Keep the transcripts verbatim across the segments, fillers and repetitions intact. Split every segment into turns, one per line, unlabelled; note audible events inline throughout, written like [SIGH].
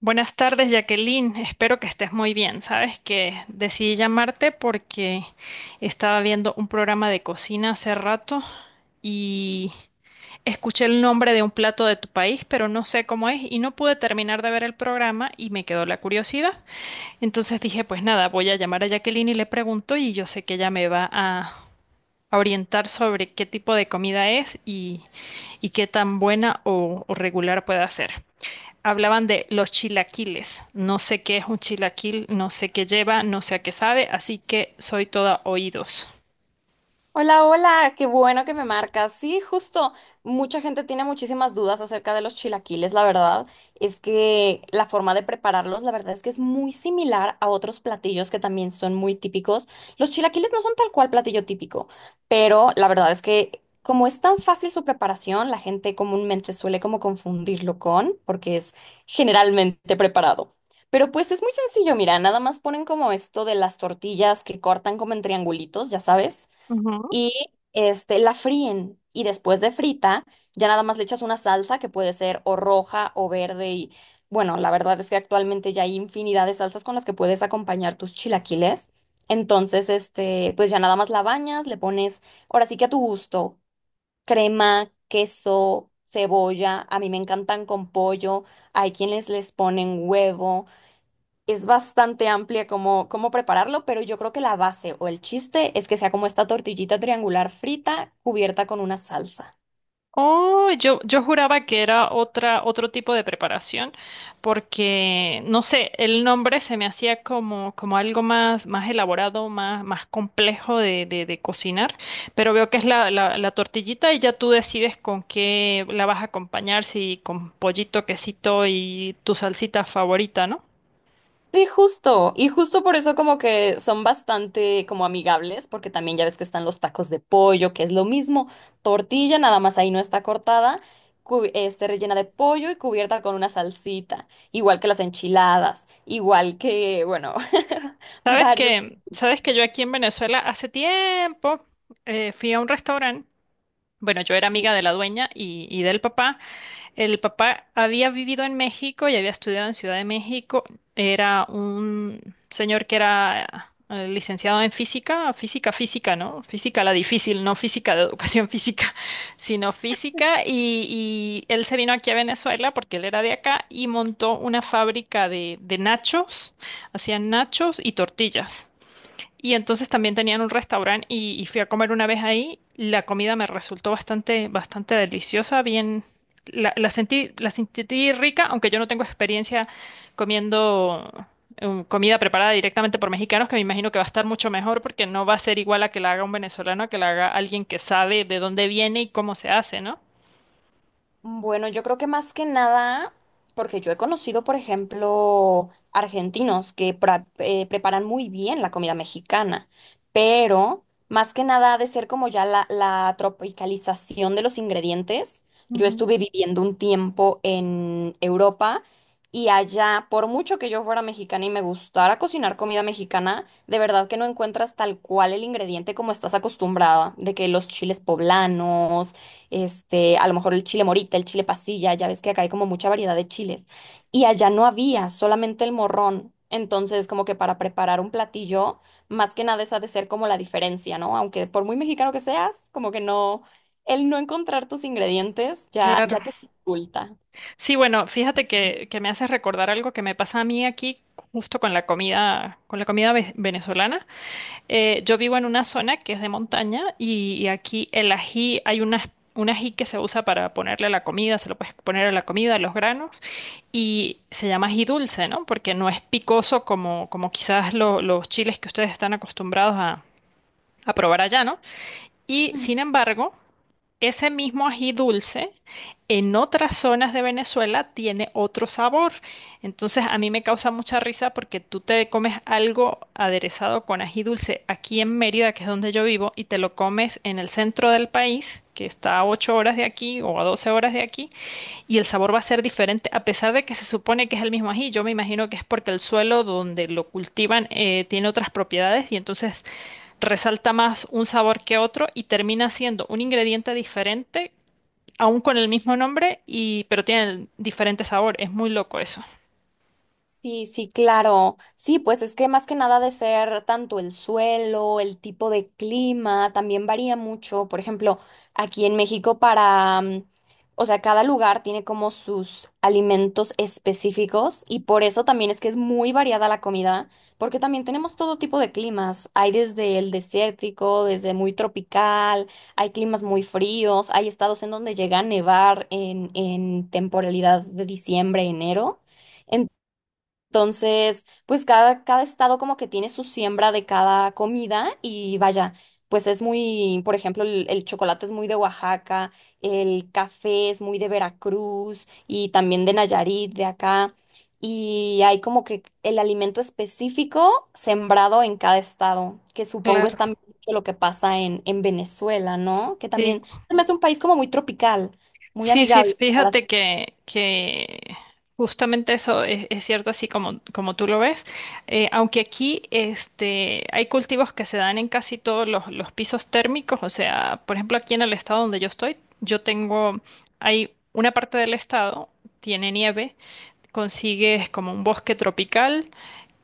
Buenas tardes, Jacqueline. Espero que estés muy bien. Sabes que decidí llamarte porque estaba viendo un programa de cocina hace rato y escuché el nombre de un plato de tu país, pero no sé cómo es y no pude terminar de ver el programa y me quedó la curiosidad. Entonces dije, pues nada, voy a llamar a Jacqueline y le pregunto y yo sé que ella me va a a orientar sobre qué tipo de comida es y, y qué tan buena o, o regular puede ser. Hablaban de los chilaquiles. No sé qué es un chilaquil, no sé qué lleva, no sé a qué sabe, así que soy toda oídos.
Hola, hola, qué bueno que me marcas. Sí, justo, mucha gente tiene muchísimas dudas acerca de los chilaquiles. La verdad es que la forma de prepararlos, la verdad es que es muy similar a otros platillos que también son muy típicos. Los chilaquiles no son tal cual platillo típico, pero la verdad es que como es tan fácil su preparación, la gente comúnmente suele como confundirlo con, porque es generalmente preparado. Pero pues es muy sencillo, mira, nada más ponen como esto de las tortillas que cortan como en triangulitos, ya sabes
Ujú.
y este, la fríen. Y después de frita, ya nada más le echas una salsa que puede ser o roja o verde. Y bueno, la verdad es que actualmente ya hay infinidad de salsas con las que puedes acompañar tus chilaquiles. Entonces, este, pues ya nada más la bañas, le pones, ahora sí que a tu gusto, crema, queso, cebolla. A mí me encantan con pollo. Hay quienes les ponen huevo, es bastante amplia cómo, cómo prepararlo, pero yo creo que la base o el chiste es que sea como esta tortillita triangular frita cubierta con una salsa.
Oh, yo, yo juraba que era otra, otro tipo de preparación, porque no sé, el nombre se me hacía como, como algo más, más elaborado, más, más complejo de, de, de cocinar, pero veo que es la, la, la tortillita y ya tú decides con qué la vas a acompañar, si con pollito, quesito y tu salsita favorita, ¿no?
Sí, justo. Y justo por eso como que son bastante como amigables, porque también ya ves que están los tacos de pollo, que es lo mismo, tortilla, nada más ahí no está cortada, cu- este, rellena de pollo y cubierta con una salsita, igual que las enchiladas, igual que, bueno, [LAUGHS]
Sabes
varios.
que, sabes que yo aquí en Venezuela hace tiempo eh, fui a un restaurante. Bueno, yo era
Sí,
amiga de la dueña y, y del papá. El papá había vivido en México y había estudiado en Ciudad de México. Era un señor que era eh, licenciado en física, física, física, ¿no? Física la difícil, no física de educación física, [LAUGHS] sino física. Y, y él se vino aquí a Venezuela porque él era de acá y montó una fábrica de, de nachos. Hacían nachos y tortillas. Y entonces también tenían un restaurante y, y fui a comer una vez ahí. La comida me resultó bastante, bastante deliciosa, bien, la, la sentí, la sentí rica, aunque yo no tengo experiencia comiendo eh, comida preparada directamente por mexicanos, que me imagino que va a estar mucho mejor porque no va a ser igual a que la haga un venezolano, a que la haga alguien que sabe de dónde viene y cómo se hace, ¿no?
bueno, yo creo que más que nada, porque yo he conocido, por ejemplo, argentinos que pra- eh, preparan muy bien la comida mexicana, pero más que nada ha de ser como ya la, la tropicalización de los ingredientes. Yo estuve viviendo un tiempo en Europa y allá, por mucho que yo fuera mexicana y me gustara cocinar comida mexicana, de verdad que no encuentras tal cual el ingrediente como estás acostumbrada, de que los chiles poblanos, este, a lo mejor el chile morita, el chile pasilla, ya ves que acá hay como mucha variedad de chiles. Y allá no había, solamente el morrón. Entonces, como que para preparar un platillo, más que nada esa ha de ser como la diferencia, ¿no? Aunque por muy mexicano que seas, como que no, el no encontrar tus ingredientes ya,
Claro.
ya te dificulta.
Sí, bueno, fíjate que, que me hace recordar algo que me pasa a mí aquí justo con la comida, con la comida ve- venezolana. Eh, yo vivo en una zona que es de montaña y, y aquí el ají, hay una, un ají que se usa para ponerle a la comida, se lo puedes poner a la comida, a los granos, y se llama ají dulce, ¿no? Porque no es picoso como, como quizás lo- los chiles que ustedes están acostumbrados a, a probar allá, ¿no? Y sin embargo, ese mismo ají dulce en otras zonas de Venezuela tiene otro sabor. Entonces a mí me causa mucha risa porque tú te comes algo aderezado con ají dulce aquí en Mérida, que es donde yo vivo, y te lo comes en el centro del país, que está a ocho horas de aquí o a doce horas de aquí, y el sabor va a ser diferente a pesar de que se supone que es el mismo ají. Yo me imagino que es porque el suelo donde lo cultivan eh, tiene otras propiedades y entonces resalta más un sabor que otro y termina siendo un ingrediente diferente, aún con el mismo nombre, y, pero tienen diferente sabor. Es muy loco eso.
Sí, sí, claro. Sí, pues es que más que nada de ser tanto el suelo, el tipo de clima, también varía mucho. Por ejemplo, aquí en México para, mm, o sea, cada lugar tiene como sus alimentos específicos y por eso también es que es muy variada la comida, porque también tenemos todo tipo de climas. Hay desde el desértico, desde muy tropical, hay climas muy fríos, hay estados en donde llega a nevar en, en temporalidad de diciembre, enero. Entonces, pues cada, cada estado como que tiene su siembra de cada comida y vaya, pues es muy, por ejemplo, el, el chocolate es muy de Oaxaca, el café es muy de Veracruz y también de Nayarit, de acá. Y hay como que el alimento específico sembrado en cada estado, que supongo es
Claro.
también mucho lo que pasa en, en Venezuela, ¿no? Que
Sí,
también se me hace un país como muy tropical, muy
sí, sí,
amigable.
fíjate que, que justamente eso es, es cierto así como, como tú lo ves. Eh, aunque aquí este, hay cultivos que se dan en casi todos los, los pisos térmicos, o sea, por ejemplo, aquí en el estado donde yo estoy, yo tengo, hay una parte del estado, tiene nieve, consigues como un bosque tropical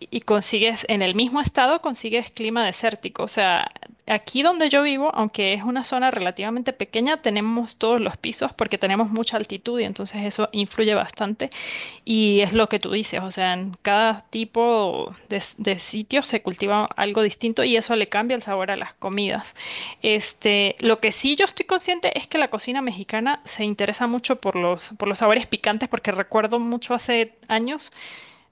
y consigues en el mismo estado consigues clima desértico. O sea, aquí donde yo vivo, aunque es una zona relativamente pequeña, tenemos todos los pisos porque tenemos mucha altitud y entonces eso influye bastante y es lo que tú dices, o sea, en cada tipo de, s- de sitio se cultiva algo distinto y eso le cambia el sabor a las comidas. Este, lo que sí yo estoy consciente es que la cocina mexicana se interesa mucho por los, por los sabores picantes, porque recuerdo mucho hace años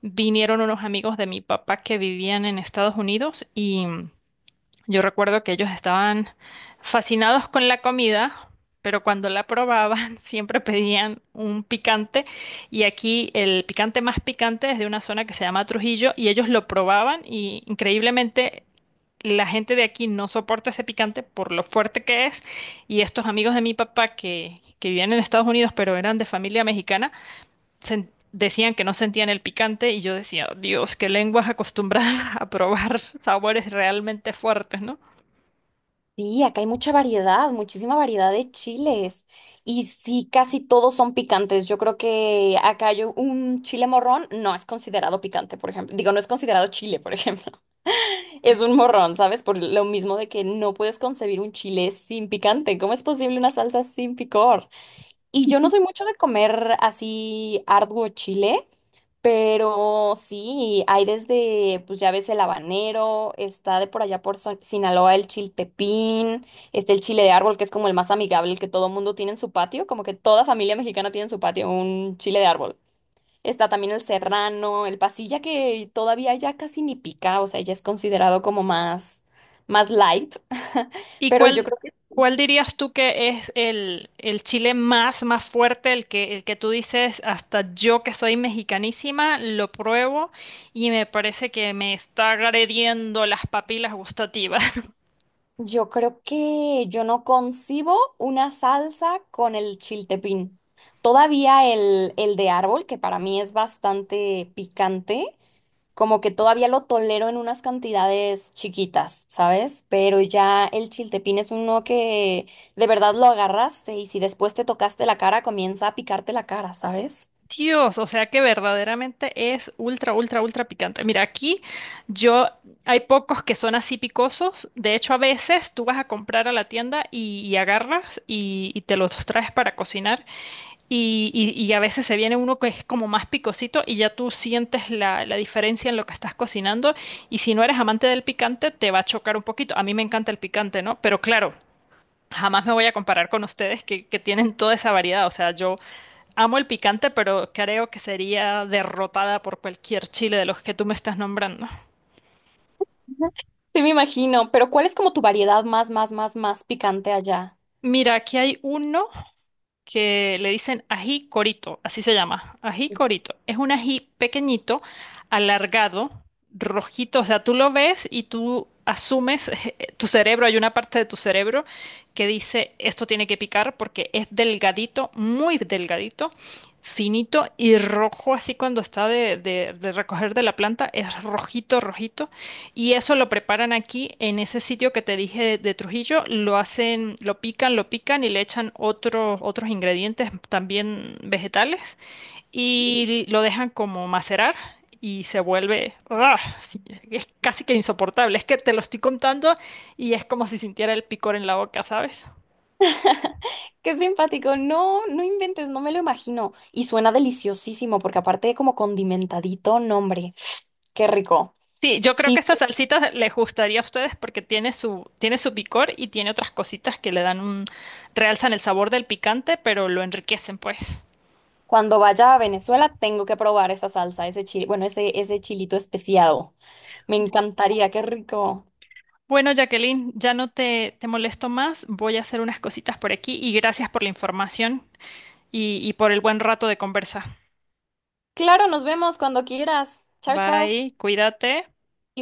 vinieron unos amigos de mi papá que vivían en Estados Unidos y yo recuerdo que ellos estaban fascinados con la comida, pero cuando la probaban [LAUGHS] siempre pedían un picante y aquí el picante más picante es de una zona que se llama Trujillo y ellos lo probaban y increíblemente la gente de aquí no soporta ese picante por lo fuerte que es y estos amigos de mi papá que, que vivían en Estados Unidos pero eran de familia mexicana sen- decían que no sentían el picante y yo decía, "Oh, Dios, qué lenguas acostumbradas [LAUGHS] a probar sabores realmente fuertes, ¿no?
Sí, acá hay mucha variedad, muchísima variedad de chiles. Y sí, casi todos son picantes. Yo creo que acá yo, un chile morrón no es considerado picante, por ejemplo. Digo, no es considerado chile, por ejemplo. [LAUGHS] Es un morrón, ¿sabes? Por lo mismo de que no puedes concebir un chile sin picante. ¿Cómo es posible una salsa sin picor? Y yo no soy mucho de comer así arduo chile. Pero sí, hay desde, pues ya ves el habanero, está de por allá por Son- Sinaloa el chiltepín, está el chile de árbol, que es como el más amigable, el que todo mundo tiene en su patio, como que toda familia mexicana tiene en su patio un chile de árbol. Está también el serrano, el pasilla, que todavía ya casi ni pica, o sea, ya es considerado como más, más light, [LAUGHS]
¿Y
pero yo
cuál,
creo.
cuál dirías tú que es el, el chile más, más fuerte, el que, el que tú dices, hasta yo que soy mexicanísima, lo pruebo y me parece que me está agrediendo las papilas gustativas? [LAUGHS]
Yo creo que yo no concibo una salsa con el chiltepín. Todavía el, el de árbol, que para mí es bastante picante, como que todavía lo tolero en unas cantidades chiquitas, ¿sabes? Pero ya el chiltepín es uno que de verdad lo agarraste y si después te tocaste la cara, comienza a picarte la cara, ¿sabes?
Dios, o sea que verdaderamente es ultra, ultra, ultra picante. Mira, aquí yo, hay pocos que son así picosos. De hecho, a veces tú vas a comprar a la tienda y, y agarras y y te los traes para cocinar. Y, y- y a veces se viene uno que es como más picosito y ya tú sientes la, la diferencia en lo que estás cocinando. Y si no eres amante del picante, te va a chocar un poquito. A mí me encanta el picante, ¿no? Pero claro, jamás me voy a comparar con ustedes que, que tienen toda esa variedad. O sea, yo amo el picante, pero creo que sería derrotada por cualquier chile de los que tú me estás nombrando.
[LAUGHS] Sí, me imagino, pero ¿cuál es como tu variedad más, más, más, más picante allá?
Mira, aquí hay uno. Que le dicen ají corito, así se llama, ají corito. Es un ají pequeñito, alargado, rojito, o sea, tú lo ves y tú asumes, [LAUGHS] tu cerebro, hay una parte de tu cerebro que dice, esto tiene que picar porque es delgadito, muy delgadito, finito y rojo, así cuando está de, de de recoger de la planta, es rojito, rojito. Y eso lo preparan aquí en ese sitio que te dije de, de Trujillo, lo hacen, lo pican, lo pican y le echan otro- otros ingredientes también vegetales y lo dejan como macerar y se vuelve, ¡ah! Sí, es casi que insoportable. Es que te lo estoy contando y es como si sintiera el picor en la boca, ¿sabes?
Qué simpático. No, no inventes, no me lo imagino. Y suena deliciosísimo, porque aparte de como condimentadito, nombre. Qué rico.
Sí, yo creo que
Sí,
esta salsita les gustaría a ustedes porque tiene su, tiene su picor y tiene otras cositas que le dan un, realzan el sabor del picante, pero lo enriquecen, pues.
cuando vaya a Venezuela tengo que probar esa salsa, ese chile, bueno, ese, ese chilito especiado. Me encantaría, qué rico.
Bueno, Jacqueline, ya no te, te molesto más. Voy a hacer unas cositas por aquí y gracias por la información y, y por el buen rato de conversa.
Claro, nos vemos cuando quieras. Chao, chao.
Bye, cuídate.